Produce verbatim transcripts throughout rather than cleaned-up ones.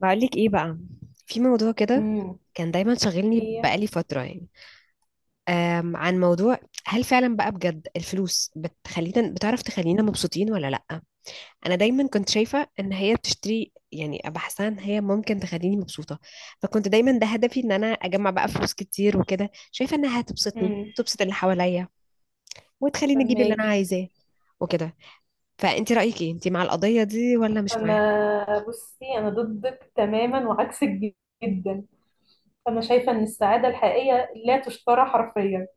بقولك ايه بقى، في موضوع كده امم كان دايما شاغلني هي بقالي فترة يعني، أم عن موضوع. هل فعلا بقى بجد الفلوس بتخلينا، بتعرف، تخلينا مبسوطين ولا لأ؟ أنا دايما كنت شايفة إن هي بتشتري، يعني بحسها إن هي ممكن تخليني مبسوطة، فكنت دايما ده هدفي إن أنا أجمع بقى فلوس كتير، وكده شايفة إنها هتبسطني، امم تبسط اللي حواليا، وتخليني أجيب اللي أنا فهماكي عايزاه وكده. فأنت رأيك ايه؟ أنت مع القضية دي ولا مش معاها؟ انا بصي، انا ضدك تماما وعكسك، جدا. انا شايفه ان السعاده الحقيقيه لا تشترى حرفيا،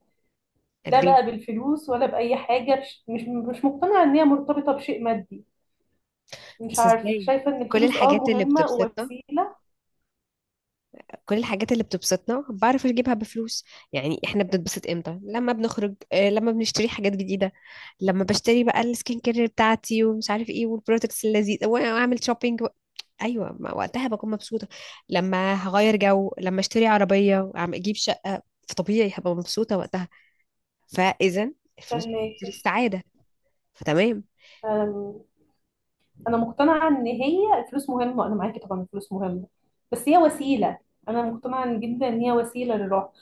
لا ليه؟ بقى بالفلوس ولا باي حاجه. مش مش مش مقتنعه ان هي مرتبطه بشيء مادي. مش بس عارف، ازاي؟ شايفه ان كل الفلوس اه الحاجات اللي مهمه بتبسطنا، ووسيله. كل الحاجات اللي بتبسطنا بعرف اجيبها بفلوس. يعني احنا بنتبسط امتى؟ لما بنخرج، آه، لما بنشتري حاجات جديدة، لما بشتري بقى السكين كير بتاعتي ومش عارف ايه والبرودكتس اللذيذة واعمل شوبينج. ايوه، ما وقتها بكون مبسوطة. لما هغير جو، لما اشتري عربية وعم اجيب شقة، فطبيعي هبقى مبسوطة وقتها. فاذا الفلوس فهماكي. بتشتري السعادة، فتمام. أم، انا مقتنعه ان هي الفلوس مهمه، انا معاكي طبعا، الفلوس مهمه، بس هي وسيله. انا مقتنعه جدا ان هي وسيله للراحه.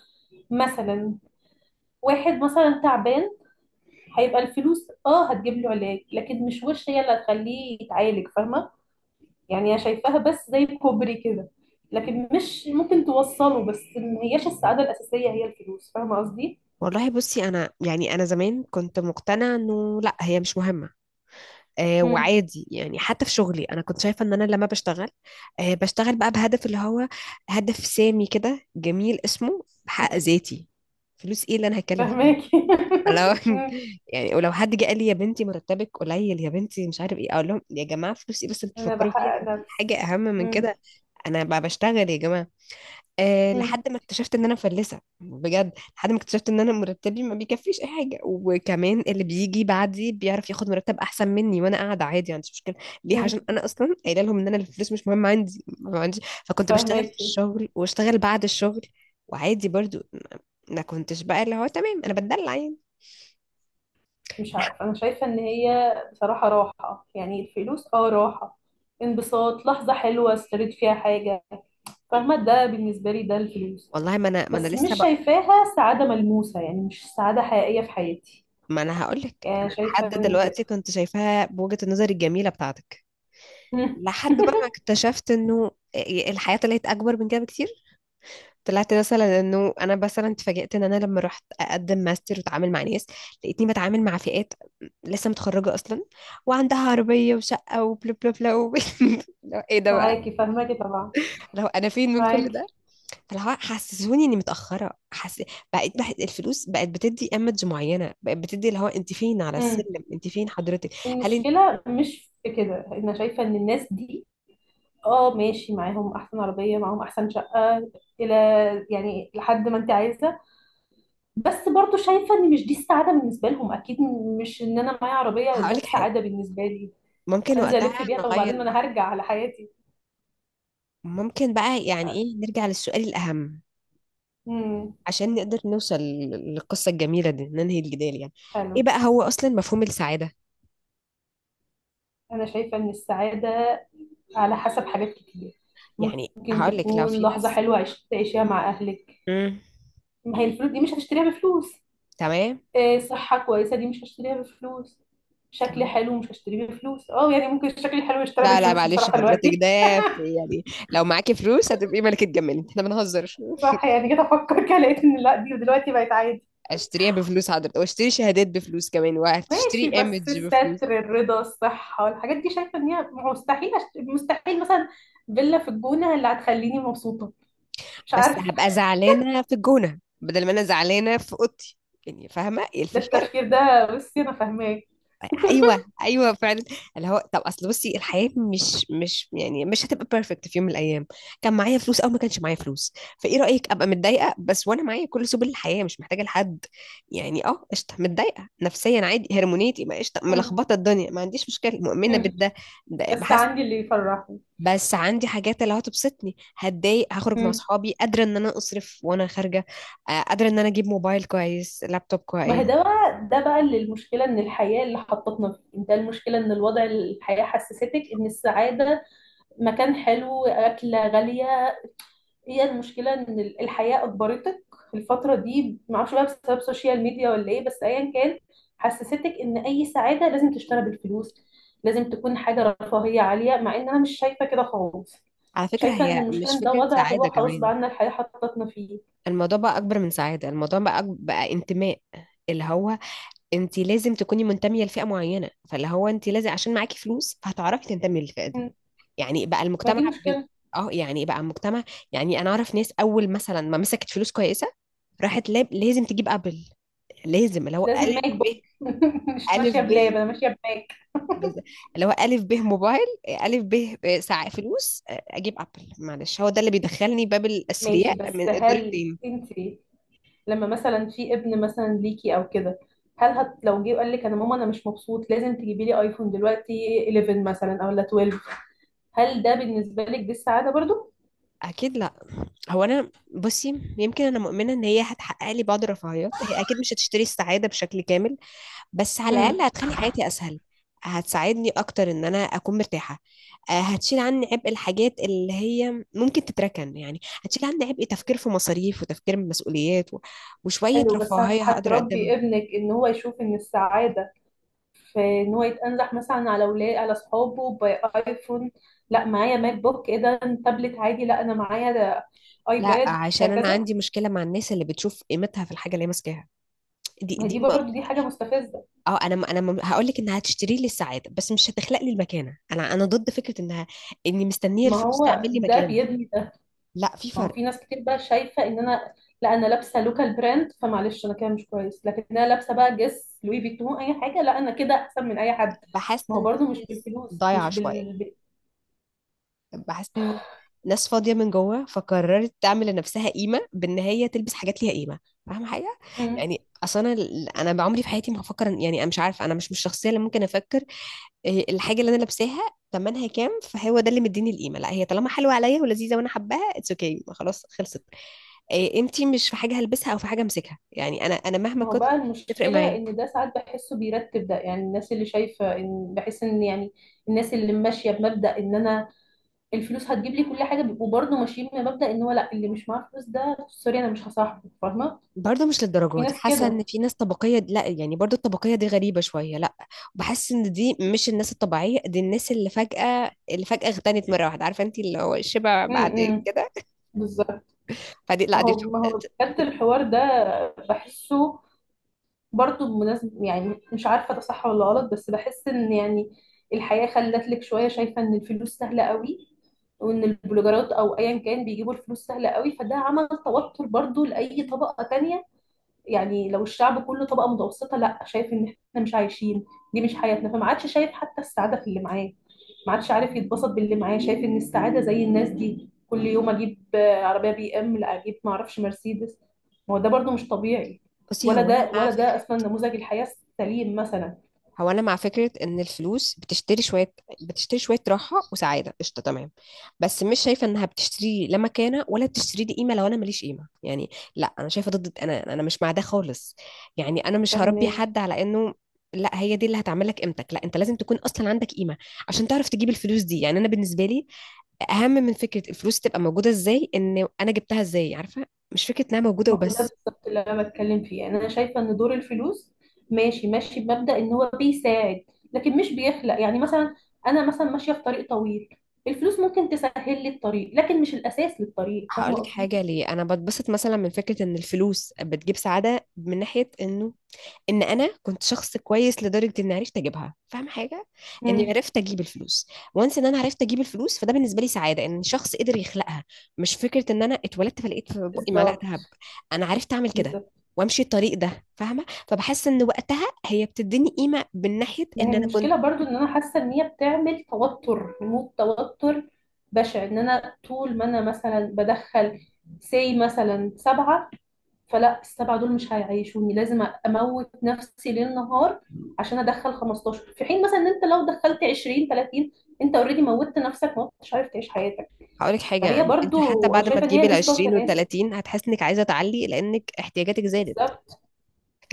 مثلا واحد مثلا تعبان، هيبقى الفلوس اه هتجيب له علاج، لكن مش وش هي اللي هتخليه يتعالج، فاهمه؟ يعني انا شايفاها بس زي كوبري كده، لكن مش ممكن توصله، بس ما هياش السعاده الاساسيه هي الفلوس، فاهمه قصدي؟ والله بصي، انا يعني انا زمان كنت مقتنعة انه لا هي مش مهمة. آه، امم وعادي يعني، حتى في شغلي انا كنت شايفه ان انا لما بشتغل، آه، بشتغل بقى بهدف اللي هو هدف سامي كده جميل اسمه، بحقق ذاتي. فلوس ايه اللي انا هتكلم فيها؟ فاهماكي. لو مم. يعني ولو حد جه قال لي يا بنتي مرتبك قليل يا بنتي مش عارف ايه، اقول لهم يا جماعه فلوس ايه بس؟ انتوا انا بتفكروا فيها؟ بحقق في حاجه نفسي. اهم من مم. كده. انا بقى بشتغل يا جماعه. أه، مم. لحد ما اكتشفت ان انا مفلسه بجد، لحد ما اكتشفت ان انا مرتبي ما بيكفيش اي حاجه، وكمان اللي بيجي بعدي بيعرف ياخد مرتب احسن مني، وانا قاعده عادي ما عنديش مشكله. ليه؟ مم. عشان انا اصلا قايله لهم ان انا الفلوس مش مهمه عندي، ما عندي. فكنت بشتغل في فاهماكي. الشغل واشتغل بعد الشغل، وعادي برضو، ما ما كنتش بقى اللي هو تمام، انا بتدلع يعني. مش عارفه، انا شايفه ان هي بصراحه راحه، يعني الفلوس اه راحه، انبساط، لحظه حلوه اشتريت فيها حاجه. فاهمه؟ ده بالنسبه لي ده الفلوس. والله، ما انا ما انا بس مش لسه بقى، شايفاها سعادة ملموسة، يعني مش سعادة حقيقية في حياتي. ما انا هقول لك، انا يعني شايفة لحد إن دلوقتي كده. كنت شايفاها بوجهة النظر الجميله بتاعتك. مم. لحد بقى ما اكتشفت انه آه، الحياه طلعت اكبر من كده بكتير. طلعت مثلا انه انا مثلا اتفاجئت ان انا لما رحت اقدم ماستر واتعامل مع ناس، لقيتني بتعامل مع فئات لسه متخرجه اصلا وعندها عربيه وشقه وبلا بلا بلا و... لو ايه ده بقى؟ معاكي، فاهماكي طبعا. لو انا فين من كل ده؟ معاكي. فلو حسسوني اني متاخره حس... بقيت بح... الفلوس بقت بتدي ايمج معينه، بقت بتدي اللي هو انت فين على مم. السلم، انت فين حضرتك؟ هل انت؟ المشكلة مش في كده. أنا شايفة إن الناس دي اه ماشي معاهم أحسن عربية، معاهم أحسن شقة، إلى يعني لحد ما أنت عايزة. بس برضو شايفة إن مش دي السعادة بالنسبة لهم أكيد. مش إن أنا معايا عربية ده هقول لك حاجه. السعادة بالنسبة لي. ممكن هنزل ألف وقتها بيها، طب وبعدين؟ نغير ما أنا بقى، هرجع على حياتي. ممكن بقى مش يعني عارفة. ايه، نرجع للسؤال الاهم مم. عشان نقدر نوصل للقصة الجميلة دي، ننهي الجدال يعني. حلو. ايه بقى هو اصلا مفهوم السعادة؟ أنا شايفة إن السعادة على حسب حاجات كتير. يعني ممكن هقول لك، لو تكون في لحظة ناس، حلوة عش- تعيشيها مع أهلك. امم ما هي الفلوس دي مش هتشتريها بفلوس. تمام. آه، صحة كويسة دي مش هشتريها بفلوس. شكل تمام. حلو مش هشتريه بفلوس، اه يعني ممكن الشكل الحلو يشترى لا لا، بالفلوس معلش بصراحة حضرتك، دلوقتي. ده في- يعني لو معاكي فلوس هتبقي ملكة جمال، احنا بنهزر. صح، يعني جيت أفكر كده لقيت إن لا دي دلوقتي بقت عادي. اشتريها بفلوس حضرتك، واشتري شهادات بفلوس كمان، وهتشتري ماشي، بس ايمج بفلوس. الستر، الرضا، الصحة، الحاجات دي شايفة إن هي مستحيل أشت... مستحيل مثلا فيلا في الجونة اللي هتخليني مبسوطة. مش بس عارفة. هبقى زعلانة في الجونة بدل ما انا زعلانة في اوضتي، يعني فاهمة ايه ده الفكرة؟ التفكير ده بصي أنا فاهماه. ايوه ايوه فعلا، اللي هو طب اصل بصي، الحياه مش مش يعني مش هتبقى بيرفكت في يوم من الايام، كان معايا فلوس او ما كانش معايا فلوس. فايه رايك، ابقى متضايقه بس وانا معايا كل سبل الحياه مش محتاجه لحد؟ يعني اه قشطه متضايقه نفسيا عادي، هرمونيتي ما قشطه، مم. ملخبطه الدنيا ما عنديش مشكله، مؤمنه مم. بالده. ده بس بحس، عندي اللي يفرحني. بس عندي حاجات اللي هتبسطني هتضايق، هخرج مع مم. اصحابي قادره ان انا اصرف وانا خارجه، آه، قادره ان انا اجيب موبايل كويس، لابتوب ما هي كويس. ده بقى ده بقى اللي المشكلة ان الحياة اللي حطتنا فيه. ده المشكلة ان الوضع، الحياة حسستك ان السعادة مكان حلو، أكلة غالية. هي المشكلة ان ال- الحياة أجبرتك. في الفترة دي معرفش بقى بسبب السوشيال ميديا ولا ايه، بس ايا كان حسستك ان اي سعادة لازم تشترى بالفلوس، لازم تكون حاجة رفاهية عالية، مع ان انا مش شايفة كده خالص. على فكره شايفة ان هي المشكلة مش ان ده فكره وضع هو سعاده خلاص بقى كمان، عنا، الحياة حطتنا فيه. الموضوع بقى اكبر من سعاده، الموضوع بقى أك- بقى انتماء. اللي هو انت لازم تكوني منتميه لفئه معينه، فاللي هو انت لازم عشان معاكي فلوس فهتعرفي تنتمي للفئه دي. م. يعني بقى ما المجتمع دي بن... مشكلة. اه يعني بقى المجتمع. يعني انا اعرف ناس اول مثلا ما مسكت فلوس كويسه، راحت لاب... لازم تجيب ابل، لازم اللي مش هو لازم الف ماك بوك. ب، مش الف ماشية ب بلاب، أنا ماشية بماك. بز- اللي هو الف ب موبايل، الف ب ساعه، فلوس اجيب ابل، معلش هو ده اللي بيدخلني باب ماشي، الاثرياء من بس الدور هل التاني. أنت لما مثلا في ابن مثلا ليكي أو كده، هل هت لو جه وقال لك أنا ماما أنا مش مبسوط لازم تجيبي لي أيفون دلوقتي حداشر مثلا أو لا اتناشر، هل ده بالنسبة لك دي السعادة برضو؟ اكيد لا. هو انا بصي، يمكن انا مؤمنه ان هي هتحقق لي بعض الرفاهيات، هي اكيد مش هتشتري السعاده بشكل كامل، بس على امم الاقل هتخلي حياتي اسهل، هتساعدني اكتر ان انا اكون مرتاحه. آه، هتشيل عني عبء الحاجات اللي هي ممكن تتركن يعني، هتشيل عني عبء تفكير في مصاريف، وتفكير في مسؤوليات و- وشويه حلو، بس هت- رفاهيه هقدر هتربي اقدمها. ابنك ان هو يشوف ان السعاده في ان هو يتنزح مثلا على اولاد على اصحابه بايفون. لا معايا ماك بوك ايه ده؟ تابلت عادي، لا انا معايا ده لا، ايباد عشان انا هكذا. عندي مشكله مع الناس اللي بتشوف قيمتها في الحاجه اللي هي ماسكاها. دي ما هي دي دي برضو دي حاجة مستفزة. اه انا م- انا م- هقول لك انها هتشتري لي السعاده، بس مش هتخلق لي المكانه. انا انا ضد فكره انها، اني مستنيه ما الفلوس هو تعمل لي ده مكانه. بيبني ده. لا في ما هو فرق. في ناس كتير بقى شايفة ان انا لا انا لابسة لوكال براند فمعلش انا كده مش كويس، لكن انا لابسة بقى جس لوي فيتون اي حاجة لا انا كده احسن من اي حد. بحس ما هو ان دي برضو مش ناس بالفلوس، ضايعه مش شويه، بال ب- بحس ان ناس فاضيه من جوه فقررت تعمل لنفسها قيمه بان هي تلبس حاجات ليها قيمه. فاهمه حاجه؟ مم. يعني اصل انا ال- انا بعمري في حياتي ما هفكر إن- يعني انا مش عارفه، انا مش مش الشخصيه اللي ممكن افكر إيه الحاجه اللي انا لابساها ثمنها كام، فهو ده اللي مديني القيمه. لا هي طالما حلوه عليا ولذيذه وانا حباها، اتس اوكي okay. خلاص خلصت إيه؟ انتي مش في حاجه هلبسها او في حاجه امسكها، يعني انا انا مهما ما هو كنت بقى تفرق المشكلة معايا. ان ده ساعات بحسه بيرتب ده، يعني الناس اللي شايفة ان بحس ان يعني الناس اللي ماشية بمبدأ ان انا الفلوس هتجيب لي كل حاجة بيبقوا برضو ماشيين بمبدأ ان هو لا، اللي مش معاه فلوس ده سوري انا مش هصاحبه، فاهمة؟ برضه مش في للدرجه دي ناس حاسه كده. ان في ناس طبقيه، لا يعني برضه الطبقيه دي غريبه شويه، لا. بحس ان دي مش الناس الطبيعيه، دي الناس اللي فجاه، اللي فجاه اغتنت مره واحده، عارفه انتي اللي هو الشبع بعد مم. كده. بالظبط. فدي لا ما دي هو ما بتبقى- هو بجد الحوار ده بحسه، برضه بمناسبة يعني مش عارفة ده صح ولا غلط، بس بحس ان يعني الحياة خلت لك شوية شايفة ان الفلوس سهلة قوي، وان البلوجرات او ايا كان بيجيبوا الفلوس سهلة قوي، فده عمل توتر برضه لأي طبقة تانية. يعني لو الشعب كله طبقة متوسطة لا، شايف ان احنا مش عايشين، دي مش حياتنا، فما عادش شايف حتى السعادة في اللي معاه. ما عادش عارف يتبسط باللي معاه، شايف ان السعاده زي الناس دي كل يوم اجيب آه، عربيه بي ام، لا اجيب ما اعرفش مرسيدس. ما هو ده برضو مش طبيعي، بصي ولا هو انا ده مع ولا ده فكره، اصلا نموذج الحياه السليم مثلا. هو انا مع فكره ان الفلوس بتشتري شويه، بتشتري شويه راحه وسعاده، قشطه تمام. بس مش شايفه انها بتشتري لي لا مكانه ولا بتشتري لي قيمه لو انا ماليش قيمه، يعني لا انا شايفه ضد، انا انا مش مع ده خالص. يعني انا مش هربي فاهمه. حد على انه لا هي دي اللي هتعمل لك قيمتك، لا انت لازم تكون اصلا عندك قيمه عشان تعرف تجيب الفلوس دي. يعني انا بالنسبه لي، اهم من فكره الفلوس تبقى موجوده، ازاي ان انا جبتها ازاي، عارفه؟ مش فكره انها موجوده ما هو ده وبس. بالظبط اللي انا بتكلم فيه، يعني انا شايفه ان دور الفلوس ماشي ماشي بمبدا ان هو بيساعد، لكن مش بيخلق. يعني مثلا انا مثلا ماشيه في طريق طويل، الفلوس ممكن تسهل لي الطريق لكن مش الاساس للطريق، فاهمه هقولك قصدي؟ حاجة، ليه أنا بتبسط مثلا من فكرة إن الفلوس بتجيب سعادة؟ من ناحية إنه إن أنا كنت شخص كويس لدرجة إني عرفت أجيبها، فاهمة حاجة؟ إني امم عرفت أجيب الفلوس، وانس إن أنا عرفت أجيب الفلوس، فده بالنسبة لي سعادة، إن شخص قدر يخلقها، مش فكرة إن أنا اتولدت فلقيت في بقي معلقة دهب. بالظبط. أنا عرفت أعمل كده بالظبط. وامشي الطريق ده، فاهمه؟ فبحس ان وقتها هي بتديني قيمه من ناحيه ما هي ان انا المشكلة كنت. برضو ان انا حاسة ان هي بتعمل توتر، ريموت توتر بشع، ان انا طول ما انا مثلا بدخل سي مثلا سبعة، فلا السبعة دول مش هيعيشوني، لازم اموت نفسي ليل نهار عشان ادخل خمستاشر، في حين مثلا ان انت لو دخلت عشرين تلاتين انت اوريدي موتت نفسك، ما مش عارف تعيش حياتك. هقولك حاجه فهي أنا- انت حتى برضو بعد ما شايفة ان هي تجيبي ال نسبة عشرين وال وتناسب. تلاتين، هتحس انك عايزه تعلي لانك احتياجاتك زادت، بالظبط.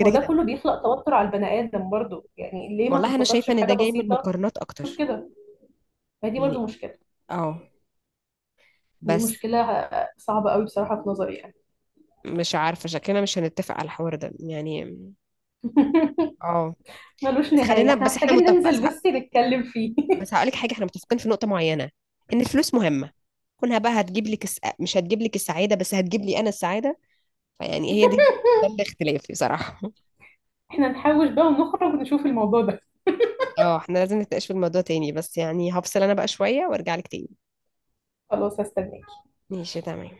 ما هو ده كده. كله بيخلق توتر على البني ادم برضو، يعني ليه ما والله انا تتبسطش شايفه ان بحاجة ده جاي من بسيطة؟ المقارنات شوف اكتر. كده، ما دي يعني برضو مشكلة. اه، دي بس مشكلة صعبة قوي بصراحة في نظري يعني. مش عارفه شكلنا مش هنتفق على الحوار ده يعني. اه ملوش بس نهاية، خلينا احنا بس، احنا محتاجين متفق بس ننزل ه- بس نتكلم فيه. بس هقولك حاجه، احنا متفقين في نقطه معينه ان الفلوس مهمه. كونها بقى هتجيب لك الس... مش هتجيب لك السعاده، بس هتجيب لي انا السعاده، فيعني هي دي، ده الاختلاف بصراحه. احنا نحوش بقى ونخرج نشوف الموضوع ده. اه احنا لازم نتناقش في الموضوع تاني، بس يعني هفصل انا بقى شويه وارجع لك تاني. خلاص، هستناك. ماشي تمام.